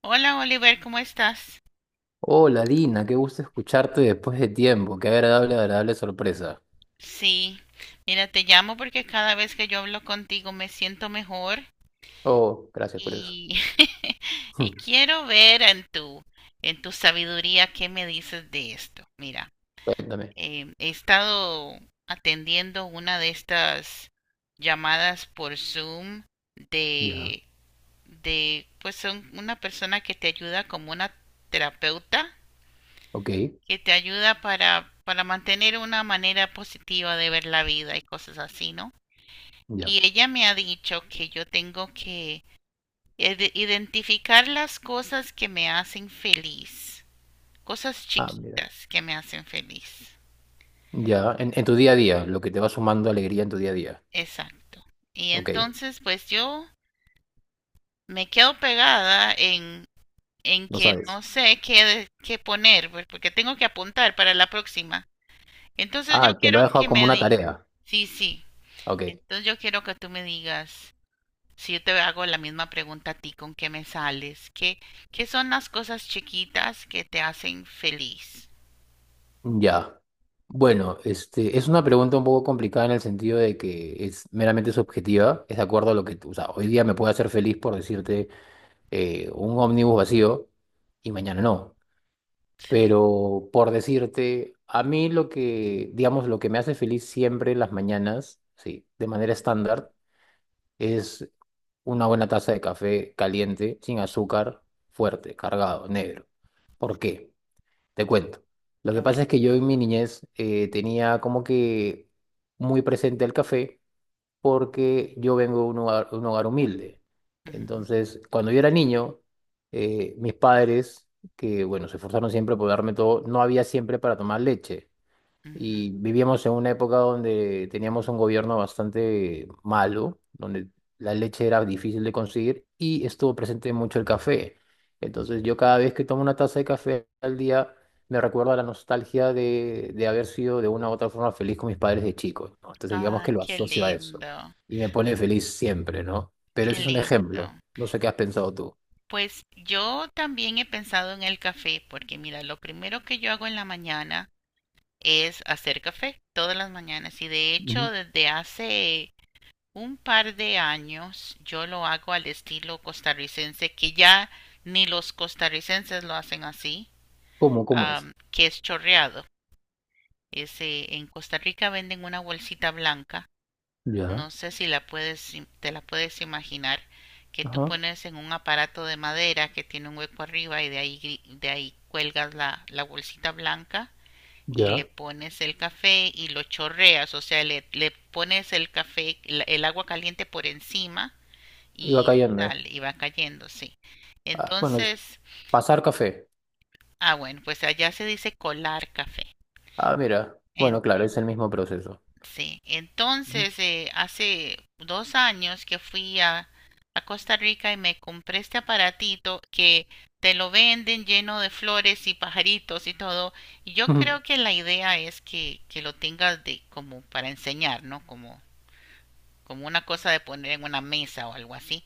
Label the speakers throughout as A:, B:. A: Hola Oliver, ¿cómo estás?
B: Hola Dina, qué gusto escucharte después de tiempo, qué agradable, agradable sorpresa.
A: Sí, mira, te llamo porque cada vez que yo hablo contigo me siento mejor
B: Oh, gracias por eso.
A: y, y
B: Hmm,
A: quiero ver en en tu sabiduría qué me dices de esto. Mira,
B: cuéntame.
A: he estado atendiendo una de estas llamadas por Zoom
B: Ya,
A: de, pues son una persona que te ayuda como una terapeuta
B: ok,
A: que te ayuda para mantener una manera positiva de ver la vida y cosas así, ¿no?
B: ya.
A: Y ella me ha dicho que yo tengo que identificar las cosas que me hacen feliz, cosas
B: Ah, mira.
A: chiquitas que me hacen feliz.
B: Ya, en tu día a día, lo que te va sumando alegría en tu día a día.
A: Exacto. Y
B: Ok,
A: entonces pues yo me quedo pegada en
B: no
A: que no
B: sabes.
A: sé qué, qué poner, pues, porque tengo que apuntar para la próxima. Entonces yo
B: Ah, te lo he
A: quiero
B: dejado
A: que
B: como
A: me
B: una
A: diga.
B: tarea.
A: Sí, sí.
B: Ok,
A: Entonces yo quiero que tú me digas. Si yo te hago la misma pregunta a ti, ¿con qué me sales? ¿Qué son las cosas chiquitas que te hacen feliz?
B: ya. Bueno, este, es una pregunta un poco complicada en el sentido de que es meramente subjetiva, es de acuerdo a lo que tú, o sea, hoy día me puede hacer feliz por decirte un ómnibus vacío y mañana no.
A: Sí,
B: Pero por decirte, a mí lo que, digamos, lo que me hace feliz siempre en las mañanas, sí, de manera estándar, es una buena taza de café caliente, sin azúcar, fuerte, cargado, negro. ¿Por qué? Te cuento. Lo
A: a
B: que
A: ver.
B: pasa es que yo en mi niñez tenía como que muy presente el café porque yo vengo de un hogar humilde.
A: Ujú,
B: Entonces, cuando yo era niño, mis padres, que bueno, se esforzaron siempre por darme todo, no había siempre para tomar leche. Y
A: ujú.
B: vivíamos en una época donde teníamos un gobierno bastante malo, donde la leche era difícil de conseguir y estuvo presente mucho el café. Entonces yo cada vez que tomo una taza de café al día me recuerdo a la nostalgia de haber sido de una u otra forma feliz con mis padres de chico, ¿no? Entonces digamos
A: Ah,
B: que lo
A: qué
B: asocio a eso
A: lindo,
B: y me pone feliz siempre, ¿no? Pero
A: qué
B: ese es un
A: lindo.
B: ejemplo. No sé qué has pensado tú.
A: Pues yo también he pensado en el café, porque mira, lo primero que yo hago en la mañana es hacer café todas las mañanas y de hecho
B: Ujú.
A: desde hace un par de años yo lo hago al estilo costarricense, que ya ni los costarricenses lo hacen así
B: ¿Cómo? ¿Cómo es?
A: que es chorreado. Ese, en Costa Rica venden una bolsita blanca,
B: Ya,
A: no sé si la puedes, te la puedes imaginar, que tú
B: ajá,
A: pones en un aparato de madera que tiene un hueco arriba y de de ahí cuelgas la bolsita blanca y le
B: ya.
A: pones el café y lo chorreas, o sea, le pones el café, el agua caliente por encima
B: Iba
A: y
B: cayendo.
A: sale, y va cayendo, sí.
B: Ah, bueno,
A: Entonces,
B: pasar café.
A: ah, bueno, pues allá se dice colar café.
B: Ah, mira. Bueno, claro, es el mismo proceso.
A: Sí,
B: Ujú.
A: entonces hace 2 años que fui a Costa Rica y me compré este aparatito que te lo venden lleno de flores y pajaritos y todo. Y yo
B: Ujú.
A: creo que la idea es que lo tengas de como para enseñar, ¿no? Como, como una cosa de poner en una mesa o algo así.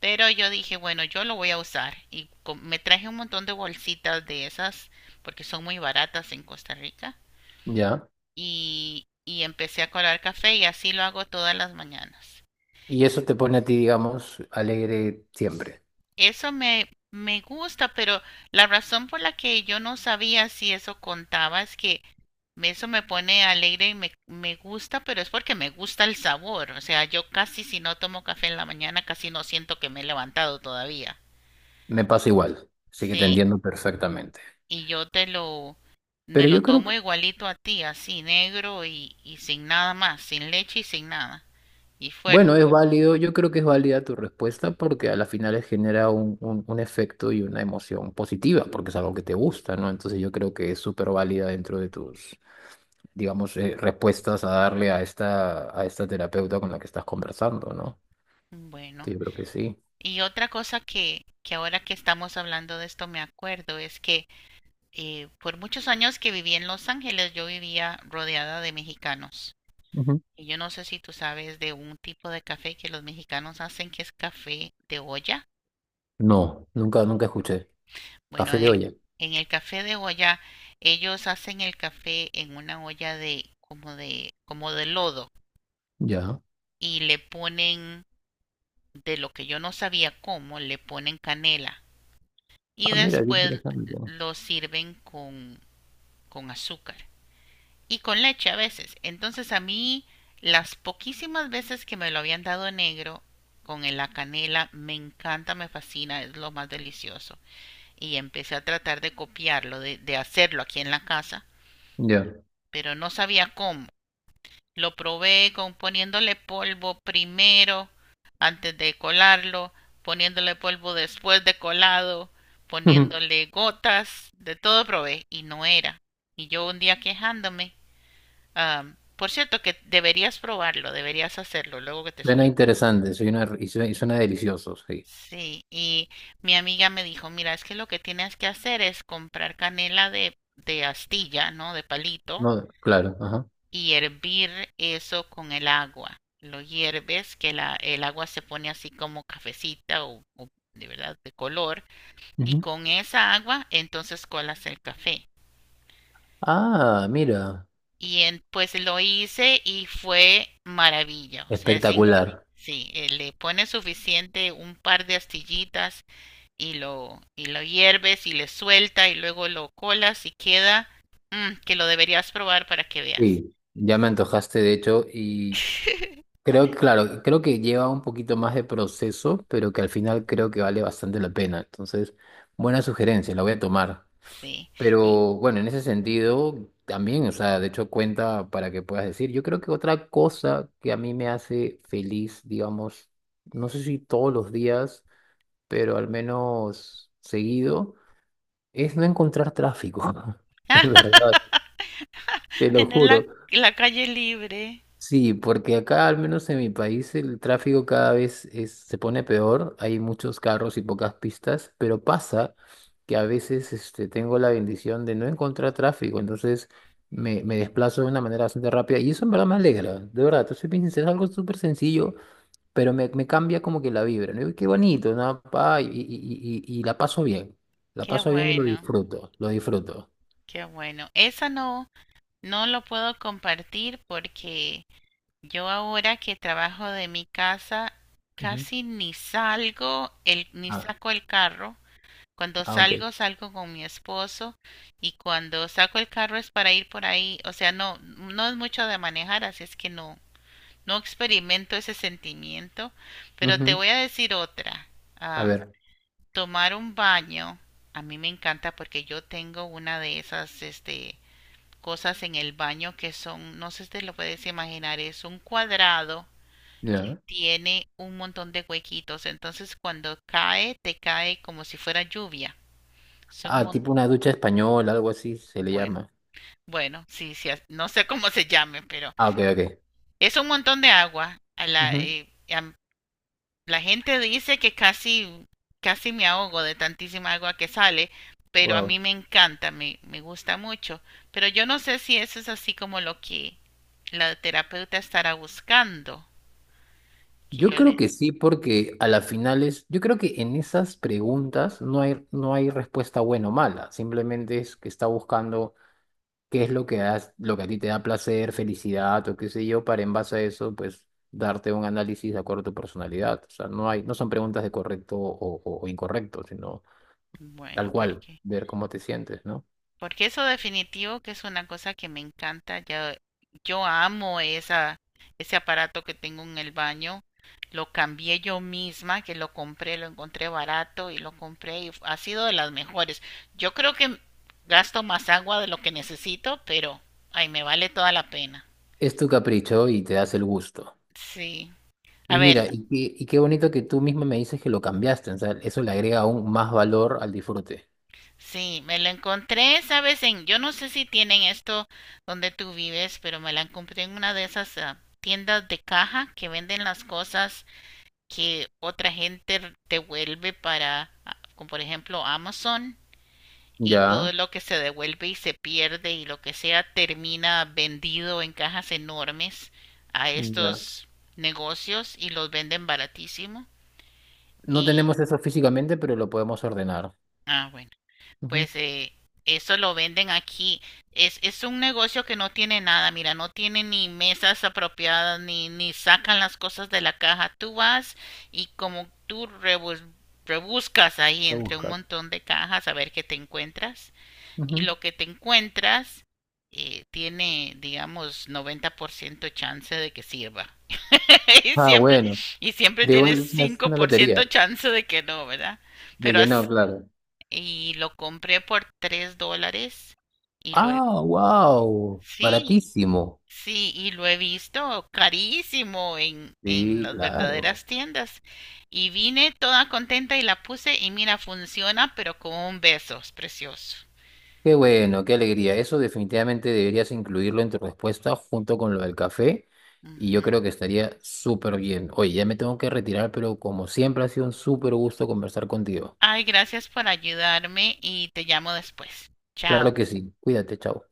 A: Pero yo dije, bueno, yo lo voy a usar y me traje un montón de bolsitas de esas porque son muy baratas en Costa Rica
B: Ya.
A: y empecé a colar café y así lo hago todas las mañanas.
B: Y eso te pone a ti, digamos, alegre siempre.
A: Eso me gusta, pero la razón por la que yo no sabía si eso contaba es que eso me pone alegre y me gusta, pero es porque me gusta el sabor. O sea, yo casi si no tomo café en la mañana, casi no siento que me he levantado todavía.
B: Me pasa igual, así que te
A: Sí,
B: entiendo perfectamente.
A: y yo te lo, me
B: Pero
A: lo
B: yo creo que,
A: tomo igualito a ti, así negro y sin nada más, sin leche y sin nada. Y
B: bueno, es
A: fuerte.
B: válido, yo creo que es válida tu respuesta porque a la final genera un efecto y una emoción positiva, porque es algo que te gusta, ¿no? Entonces yo creo que es súper válida dentro de tus, digamos, respuestas a darle a esta terapeuta con la que estás conversando, ¿no?
A: Bueno.
B: Entonces, yo creo que sí.
A: Y otra cosa que ahora que estamos hablando de esto me acuerdo es que por muchos años que viví en Los Ángeles yo vivía rodeada de mexicanos.
B: Ujú.
A: Y yo no sé si tú sabes de un tipo de café que los mexicanos hacen que es café de olla.
B: No, nunca, nunca
A: ¿No?
B: escuché.
A: Bueno,
B: Café
A: en
B: de olla.
A: en el café de olla ellos hacen el café en una olla de como de como de lodo
B: Ya.
A: y le ponen de lo que yo no sabía cómo le ponen canela y
B: Ah, mira, qué
A: después
B: interesante.
A: lo sirven con azúcar y con leche a veces. Entonces a mí las poquísimas veces que me lo habían dado negro con la canela me encanta, me fascina, es lo más delicioso. Y empecé a tratar de copiarlo, de hacerlo aquí en la casa,
B: Ya.
A: pero no sabía cómo. Lo probé con poniéndole polvo primero antes de colarlo, poniéndole polvo después de colado,
B: Ujú.
A: poniéndole gotas, de todo probé y no era. Y yo un día quejándome, por cierto que deberías probarlo, deberías hacerlo, luego que te
B: Suena
A: explique.
B: interesante, suena, y suena, y suena delicioso, sí.
A: Sí, y mi amiga me dijo, mira, es que lo que tienes que hacer es comprar canela de astilla, ¿no? De palito,
B: No, claro, ajá.
A: y hervir eso con el agua. Lo hierves, que el agua se pone así como cafecita o de verdad de color y
B: Ujú.
A: con esa agua entonces colas el café.
B: Ah, mira,
A: Y pues lo hice y fue maravilla, o sea, es increíble.
B: espectacular.
A: Sí, le pones suficiente un par de astillitas y lo hierves y le suelta y luego lo colas y queda, mm, que lo deberías probar para que veas.
B: Sí, ya me antojaste, de hecho, y creo que, claro, creo que lleva un poquito más de proceso, pero que al final creo que vale bastante la pena. Entonces, buena sugerencia, la voy a tomar.
A: Sí. Y,
B: Pero bueno, en ese sentido también, o sea, de hecho cuenta para que puedas decir. Yo creo que otra cosa que a mí me hace feliz, digamos, no sé si todos los días, pero al menos seguido, es no encontrar tráfico. En verdad, te lo
A: tener
B: juro.
A: la calle libre.
B: Sí, porque acá, al menos en mi país, el tráfico cada vez se pone peor. Hay muchos carros y pocas pistas, pero pasa que a veces este, tengo la bendición de no encontrar tráfico, entonces me desplazo de una manera bastante rápida y eso en verdad me alegra, de verdad. Te soy bien sincero, es algo súper sencillo, pero me cambia como que la vibra, ¿no? Y qué bonito, ¿no? Pa, y la
A: Qué
B: paso bien y lo
A: bueno,
B: disfruto, lo disfruto.
A: qué bueno. Esa no, no lo puedo compartir porque yo ahora que trabajo de mi casa
B: Ujú.
A: casi ni salgo, el, ni
B: Ah,
A: saco el carro. Cuando
B: ah, ok.
A: salgo, salgo con mi esposo y cuando saco el carro es para ir por ahí. O sea, no, no es mucho de manejar, así es que no, no experimento ese sentimiento. Pero te
B: Ujú.
A: voy a decir otra.
B: A
A: Am,
B: ver,
A: tomar un baño, a mí me encanta porque yo tengo una de cosas en el baño que son, no sé si te lo puedes imaginar, es un cuadrado que
B: ya.
A: tiene un montón de huequitos, entonces cuando cae, te cae como si fuera lluvia. Es un
B: Ah, tipo una ducha española, algo así se le
A: bueno,
B: llama.
A: bueno, sí, sí, no sé cómo se llame, pero
B: Ah, ok, ok.
A: es un montón de agua. A a la gente dice que casi, casi me ahogo de tantísima agua que sale, pero a
B: Wow.
A: mí me encanta, me gusta mucho. Pero yo no sé si eso es así como lo que la terapeuta estará buscando, que
B: Yo
A: yo
B: creo
A: le...
B: que sí, porque a las finales, yo creo que en esas preguntas no hay, no hay respuesta buena o mala. Simplemente es que está buscando qué es lo que lo que a ti te da placer, felicidad o qué sé yo, para en base a eso, pues darte un análisis de acuerdo a tu personalidad. O sea, no hay, no son preguntas de correcto o, o incorrecto, sino
A: Bueno,
B: tal cual,
A: porque...
B: ver cómo te sientes, ¿no?
A: Porque eso definitivo que es una cosa que me encanta. Ya yo amo ese aparato que tengo en el baño. Lo cambié yo misma, que lo compré, lo encontré barato y lo compré y ha sido de las mejores. Yo creo que gasto más agua de lo que necesito, pero ay, me vale toda la pena.
B: Es tu capricho y te das el gusto.
A: Sí. A
B: Y mira,
A: ver,
B: y qué bonito que tú misma me dices que lo cambiaste, o sea, eso le agrega aún más valor al disfrute.
A: sí, me lo encontré, ¿sabes? En, yo no sé si tienen esto donde tú vives, pero me la encontré en una de esas tiendas de caja que venden las cosas que otra gente devuelve como por ejemplo, Amazon y todo
B: Ya,
A: lo que se devuelve y se pierde y lo que sea termina vendido en cajas enormes a
B: ya.
A: estos negocios y los venden baratísimo.
B: No
A: Y,
B: tenemos eso físicamente, pero lo podemos ordenar.
A: ah, bueno.
B: Ujú,
A: Pues eso lo venden aquí. Es un negocio que no tiene nada, mira, no tiene ni mesas apropiadas, ni sacan las cosas de la caja. Tú vas y como tú rebuscas ahí
B: a
A: entre un
B: buscar.
A: montón de cajas a ver qué te encuentras y
B: Ujú.
A: lo que te encuentras tiene, digamos, 90% chance de que sirva. y
B: Ah,
A: siempre,
B: bueno,
A: y siempre
B: pero
A: tienes
B: igual es
A: cinco
B: una
A: por
B: lotería,
A: ciento chance de que no, ¿verdad?
B: de
A: Pero
B: que no,
A: así,
B: claro.
A: y lo compré por $3 y lo he,
B: Ah, wow,
A: sí,
B: baratísimo.
A: sí, y lo he visto carísimo en
B: Sí,
A: las
B: claro.
A: verdaderas tiendas. Y vine toda contenta y la puse y mira, funciona, pero con un beso, es precioso.
B: Qué bueno, qué alegría. Eso definitivamente deberías incluirlo en tu respuesta junto con lo del café y
A: Ujú.
B: yo creo que estaría súper bien. Oye, ya me tengo que retirar, pero como siempre ha sido un súper gusto conversar contigo.
A: Ay, gracias por ayudarme y te llamo después. Chao.
B: Claro que sí. Cuídate, chao.